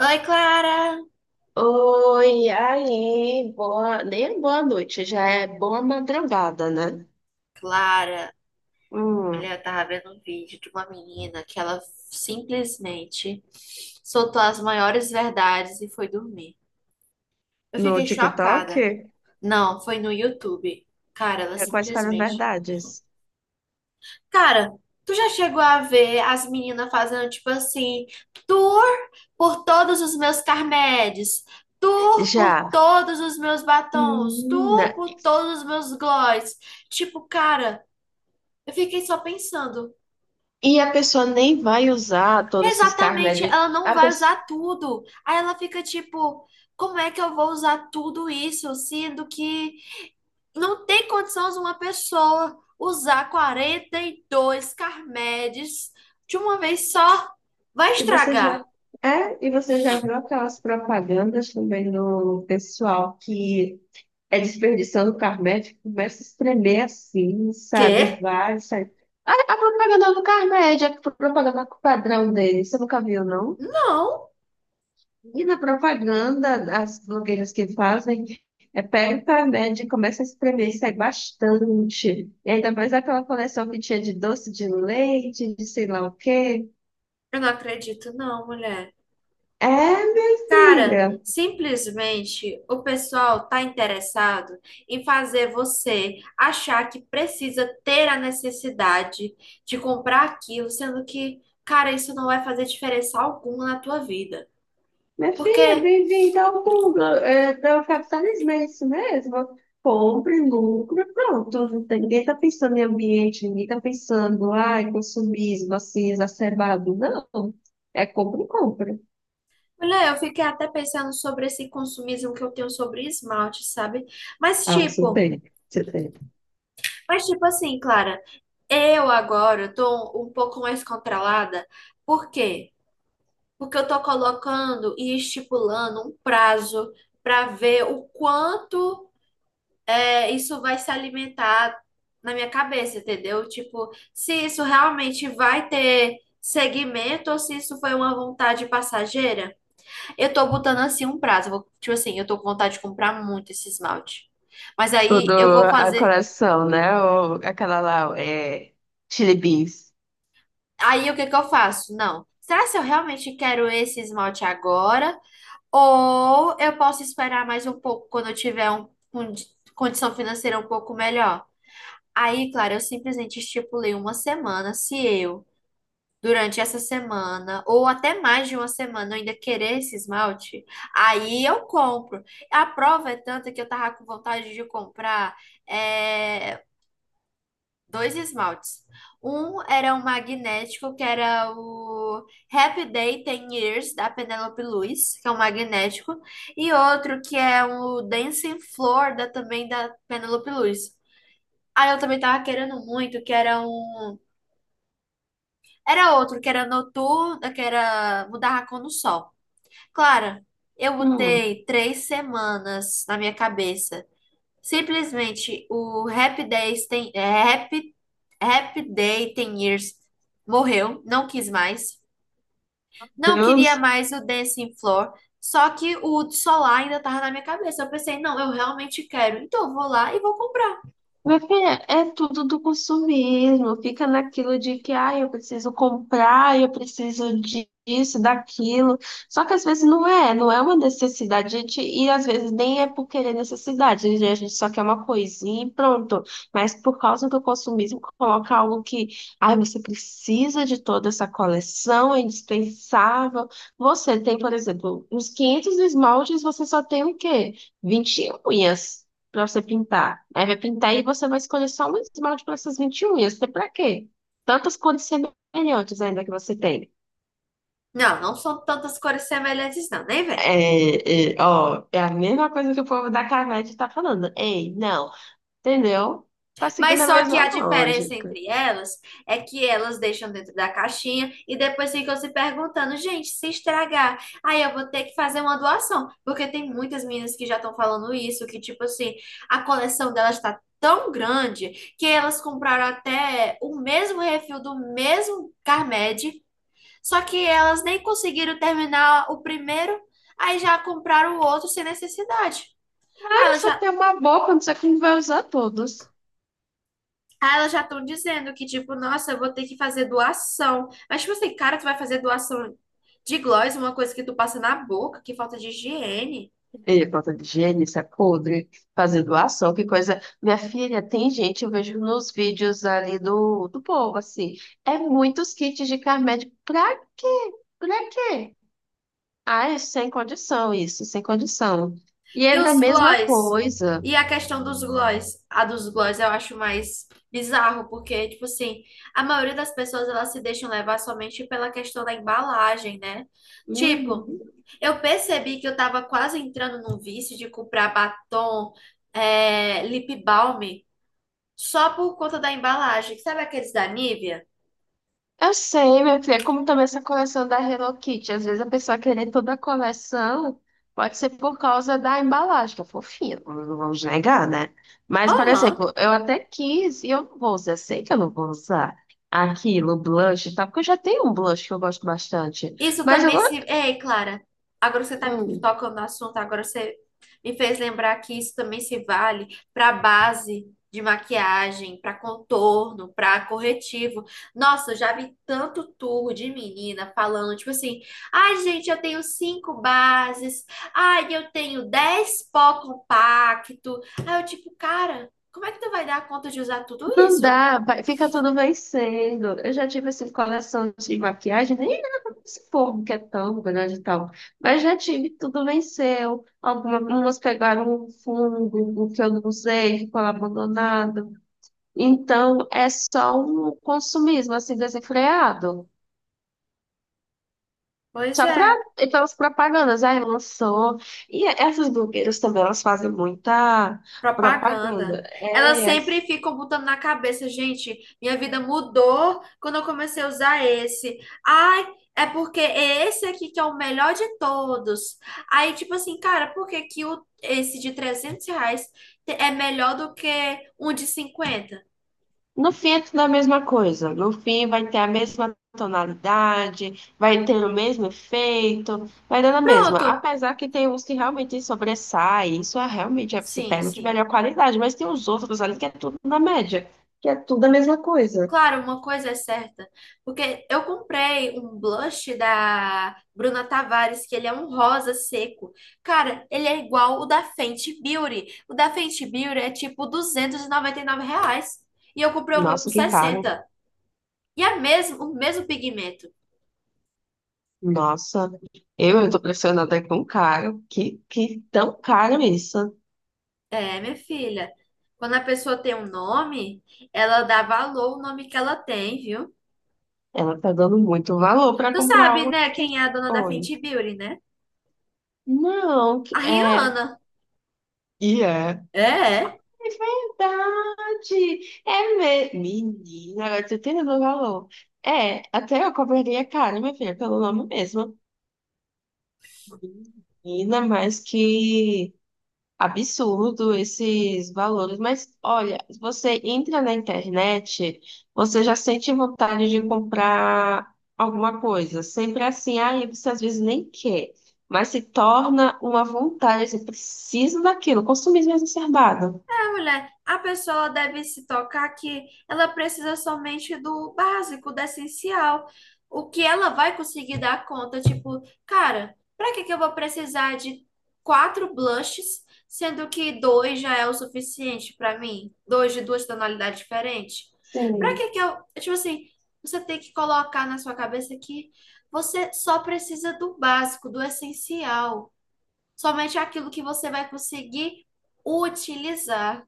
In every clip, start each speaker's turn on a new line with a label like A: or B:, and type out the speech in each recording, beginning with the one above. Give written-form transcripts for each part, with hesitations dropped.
A: Oi, Clara!
B: Oi, aí, boa, nem é boa noite, já é boa madrugada, né?
A: Clara,
B: Hum,
A: mulher, eu tava vendo um vídeo de uma menina que ela simplesmente soltou as maiores verdades e foi dormir. Eu
B: no
A: fiquei
B: TikTok?
A: chocada. Não, foi no YouTube. Cara, ela
B: Quais foram as
A: simplesmente.
B: verdades?
A: Cara, tu já chegou a ver as meninas fazendo tipo assim, tour por todos os meus Carmedes, tour por
B: Já.
A: todos os meus batons, tour
B: Menina,
A: por todos os meus gloss. Tipo, cara, eu fiquei só pensando.
B: e a pessoa nem vai usar todos esses carros.
A: Exatamente, ela não
B: A
A: vai
B: pessoa,
A: usar tudo. Aí ela fica tipo, como é que eu vou usar tudo isso, sendo que não tem condições uma pessoa usar 42 Carmedes de uma vez só? Vai
B: e você
A: estragar.
B: já e você já viu aquelas propagandas também do pessoal que desperdiçando Carmed, começa a espremer assim, sabe?
A: Quê?
B: Vai, sai. A propaganda do Carmed, a propaganda padrão dele, você nunca viu, não?
A: Não,
B: E na propaganda, as blogueiras que fazem, pega o Carmed e começa a espremer, sai bastante. E ainda mais aquela coleção que tinha de doce de leite, de sei lá o quê.
A: eu não acredito, não, mulher.
B: É, minha
A: Cara,
B: filha.
A: simplesmente o pessoal tá interessado em fazer você achar que precisa ter a necessidade de comprar aquilo, sendo que, cara, isso não vai fazer diferença alguma na tua vida.
B: Minha
A: Porque,
B: filha, bem-vinda tal mundo. É, é o capitalismo, é isso mesmo. Compre, lucro, pronto. Não tem- Ninguém está pensando em ambiente, ninguém está pensando, ai, consumismo, assim, exacerbado. Não. É compra e compra.
A: olha, eu fiquei até pensando sobre esse consumismo que eu tenho sobre esmalte, sabe? Mas
B: Ah, você
A: tipo,
B: tem, você tem.
A: mas tipo assim, Clara, eu agora tô um pouco mais controlada. Por quê? Porque eu estou colocando e estipulando um prazo para ver o quanto é, isso vai se alimentar na minha cabeça, entendeu? Tipo, se isso realmente vai ter segmento ou se isso foi uma vontade passageira. Eu tô botando assim um prazo. Tipo assim, eu tô com vontade de comprar muito esse esmalte. Mas
B: O
A: aí
B: do
A: eu vou
B: a
A: fazer.
B: coração, né? Ou aquela lá, é, Chili Beans.
A: Aí o que que eu faço? Não. Será se eu realmente quero esse esmalte agora? Ou eu posso esperar mais um pouco quando eu tiver um, condição financeira um pouco melhor. Aí, claro, eu simplesmente estipulei uma semana. Se eu, durante essa semana, ou até mais de uma semana, eu ainda querer esse esmalte, aí eu compro. A prova é tanta que eu tava com vontade de comprar eh, dois esmaltes. Um era um magnético, que era o Happy Day Ten Years, da Penélope Luz, que é um magnético. E outro que é o Dancing Floor, também da Penélope Luz. Aí eu também tava querendo muito, que era um... Era outro, que era noturno, que era mudar a cor no sol. Clara, eu
B: Hum.
A: botei 3 semanas na minha cabeça. Simplesmente o Happy Day Ten Years morreu, não quis mais. Não queria
B: Deus.
A: mais o Dancing Floor. Só que o solar ainda tava na minha cabeça. Eu pensei, não, eu realmente quero. Então eu vou lá e vou comprar.
B: Minha filha, é tudo do consumismo, fica naquilo de que ah, eu preciso comprar, disso, daquilo. Só que às vezes não é, não é uma necessidade, a gente, e às vezes nem é por querer necessidade, né? A gente só quer uma coisinha e pronto. Mas por causa do consumismo, coloca algo que ah, você precisa de toda essa coleção, é indispensável. Você tem, por exemplo, uns 500 esmaltes, você só tem o quê? Vinte unhas pra você pintar. Aí vai pintar e você vai escolher só um esmalte para essas 21 unhas. Até pra quê? Tantas cores semelhantes ainda que você tem.
A: Não, não são tantas cores semelhantes, não, nem vem.
B: Ó, é a mesma coisa que o povo da Carvete tá falando. Ei, não. Entendeu? Tá
A: Mas
B: seguindo a
A: só que
B: mesma
A: a diferença
B: lógica.
A: entre elas é que elas deixam dentro da caixinha e depois ficam se perguntando, gente, se estragar, aí eu vou ter que fazer uma doação. Porque tem muitas meninas que já estão falando isso, que tipo assim, a coleção delas está tão grande que elas compraram até o mesmo refil do mesmo Carmed, só que elas nem conseguiram terminar o primeiro, aí já compraram o outro sem necessidade. Aí
B: Mas
A: elas
B: você
A: já
B: tem uma boa quando você que não vai usar todos.
A: Ah, elas já estão dizendo que, tipo, nossa, eu vou ter que fazer doação. Mas, tipo assim, cara, tu vai fazer doação de gloss, uma coisa que tu passa na boca, que falta de higiene.
B: E falta de higiene, isso é podre. Fazer doação, que coisa. Minha filha, tem gente, eu vejo nos vídeos ali do povo, assim. É muitos kits de Carmed. Pra quê? Pra quê? Ai, sem condição isso, sem condição. E
A: E
B: é
A: os
B: da mesma
A: gloss?
B: coisa.
A: E a questão dos gloss? A dos gloss eu acho mais bizarro, porque, tipo assim, a maioria das pessoas, elas se deixam levar somente pela questão da embalagem, né? Tipo,
B: Uhum.
A: eu percebi que eu tava quase entrando num vício de comprar batom, é, lip balm. Só por conta da embalagem. Sabe aqueles da Nivea?
B: Eu sei, minha filha, é como também essa coleção da Hello Kitty. Às vezes a pessoa querer toda a coleção pode ser por causa da embalagem, que é fofinha, não vamos negar, né? Mas, por
A: Aham.
B: exemplo, eu até quis e eu não vou usar, eu sei que eu não vou usar aquilo, blush e tal, porque eu já tenho um blush que eu gosto bastante.
A: Isso
B: Mas
A: também se.
B: agora.
A: Ei, Clara, agora você tá me tocando no assunto, agora você me fez lembrar que isso também se vale para base de maquiagem, para contorno, para corretivo. Nossa, eu já vi tanto turro de menina falando, tipo assim: ai, gente, eu tenho cinco bases, ai, eu tenho 10 pó compacto. Aí eu, tipo, cara, como é que tu vai dar conta de usar tudo
B: Não
A: isso?
B: dá, fica tudo vencendo. Eu já tive assim, coleção de maquiagem, nem nada desse povo que é tão grande e tal. Mas já tive, tudo venceu. Algumas pegaram um fungo, o que eu não usei, ficou lá abandonado. Então é só um consumismo assim desenfreado.
A: Pois
B: Só para
A: é.
B: e pelas propagandas, aí lançou. E essas blogueiras também, elas fazem muita
A: Propaganda.
B: propaganda.
A: Elas
B: É.
A: sempre ficam botando na cabeça, gente, minha vida mudou quando eu comecei a usar esse. Ai, é porque é esse aqui que é o melhor de todos. Aí, tipo assim, cara, por que que esse de R$ 300 é melhor do que um de 50.
B: No fim é tudo a mesma coisa. No fim vai ter a mesma tonalidade, vai ter o mesmo efeito, vai dando a mesma.
A: Pronto.
B: Apesar que tem uns que realmente sobressaem, realmente é que se
A: Sim,
B: pega de
A: sim.
B: melhor qualidade, mas tem os outros ali que é tudo na média, que é tudo a mesma coisa.
A: Claro, uma coisa é certa, porque eu comprei um blush da Bruna Tavares, que ele é um rosa seco. Cara, ele é igual o da Fenty Beauty. O da Fenty Beauty é tipo R$ 299. E eu comprei o meu por
B: Nossa, que caro.
A: 60. E é mesmo, o mesmo pigmento.
B: Nossa, eu estou pressionada com caro. Que tão caro isso.
A: É, minha filha, quando a pessoa tem um nome, ela dá valor ao nome que ela tem, viu?
B: Ela tá dando muito valor para
A: Tu
B: comprar
A: sabe,
B: algo
A: né,
B: que.
A: quem é a dona da
B: Oi.
A: Fenty Beauty, né?
B: Não,
A: A
B: é.
A: Rihanna.
B: E é.
A: É. É.
B: É verdade! É mesmo. Menina, agora tu tem noção do valor. É, até eu cobraria caro, minha filha, pelo nome mesmo. Menina, mas que absurdo esses valores. Mas olha, você entra na internet, você já sente vontade de comprar alguma coisa. Sempre é assim, aí você às vezes nem quer, mas se torna uma vontade, você precisa daquilo, consumismo exacerbado.
A: Mulher, a pessoa deve se tocar que ela precisa somente do básico, do essencial. O que ela vai conseguir dar conta? Tipo, cara, pra que que eu vou precisar de quatro blushes, sendo que dois já é o suficiente pra mim? Dois de duas tonalidades diferentes? Pra
B: Sim.
A: que que eu. Tipo assim, você tem que colocar na sua cabeça que você só precisa do básico, do essencial. Somente aquilo que você vai conseguir utilizar.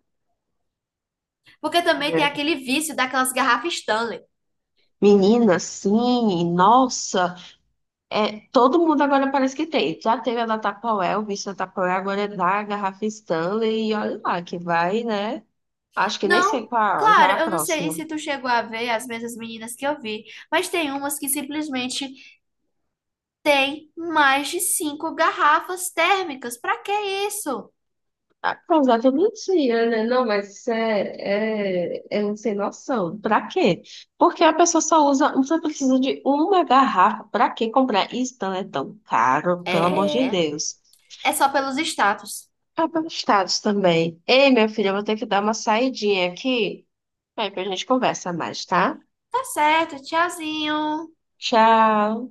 A: Porque também tem aquele vício daquelas garrafas Stanley.
B: Menina, sim, nossa, é, todo mundo agora parece que tem. Já teve a da Tupperware, o bicho da Tupperware, agora é da garrafa Stanley, e olha lá, que vai, né? Acho que nem sei
A: Não,
B: qual, já é
A: claro,
B: a
A: eu não sei
B: próxima.
A: se tu chegou a ver as mesmas meninas que eu vi, mas tem umas que simplesmente tem mais de cinco garrafas térmicas. Pra que isso?
B: Apesar que eu não tinha, né? Não, mas isso é um sem noção. Pra quê? Porque a pessoa só usa, só precisa de uma garrafa. Pra que comprar? E Stanley é tão caro, pelo amor de
A: É,
B: Deus.
A: é só pelos status.
B: Ah, para os estados também. Ei, minha filha, eu vou ter que dar uma saidinha aqui. Aí, depois a gente conversa mais, tá?
A: Tá certo, tchauzinho.
B: Tchau!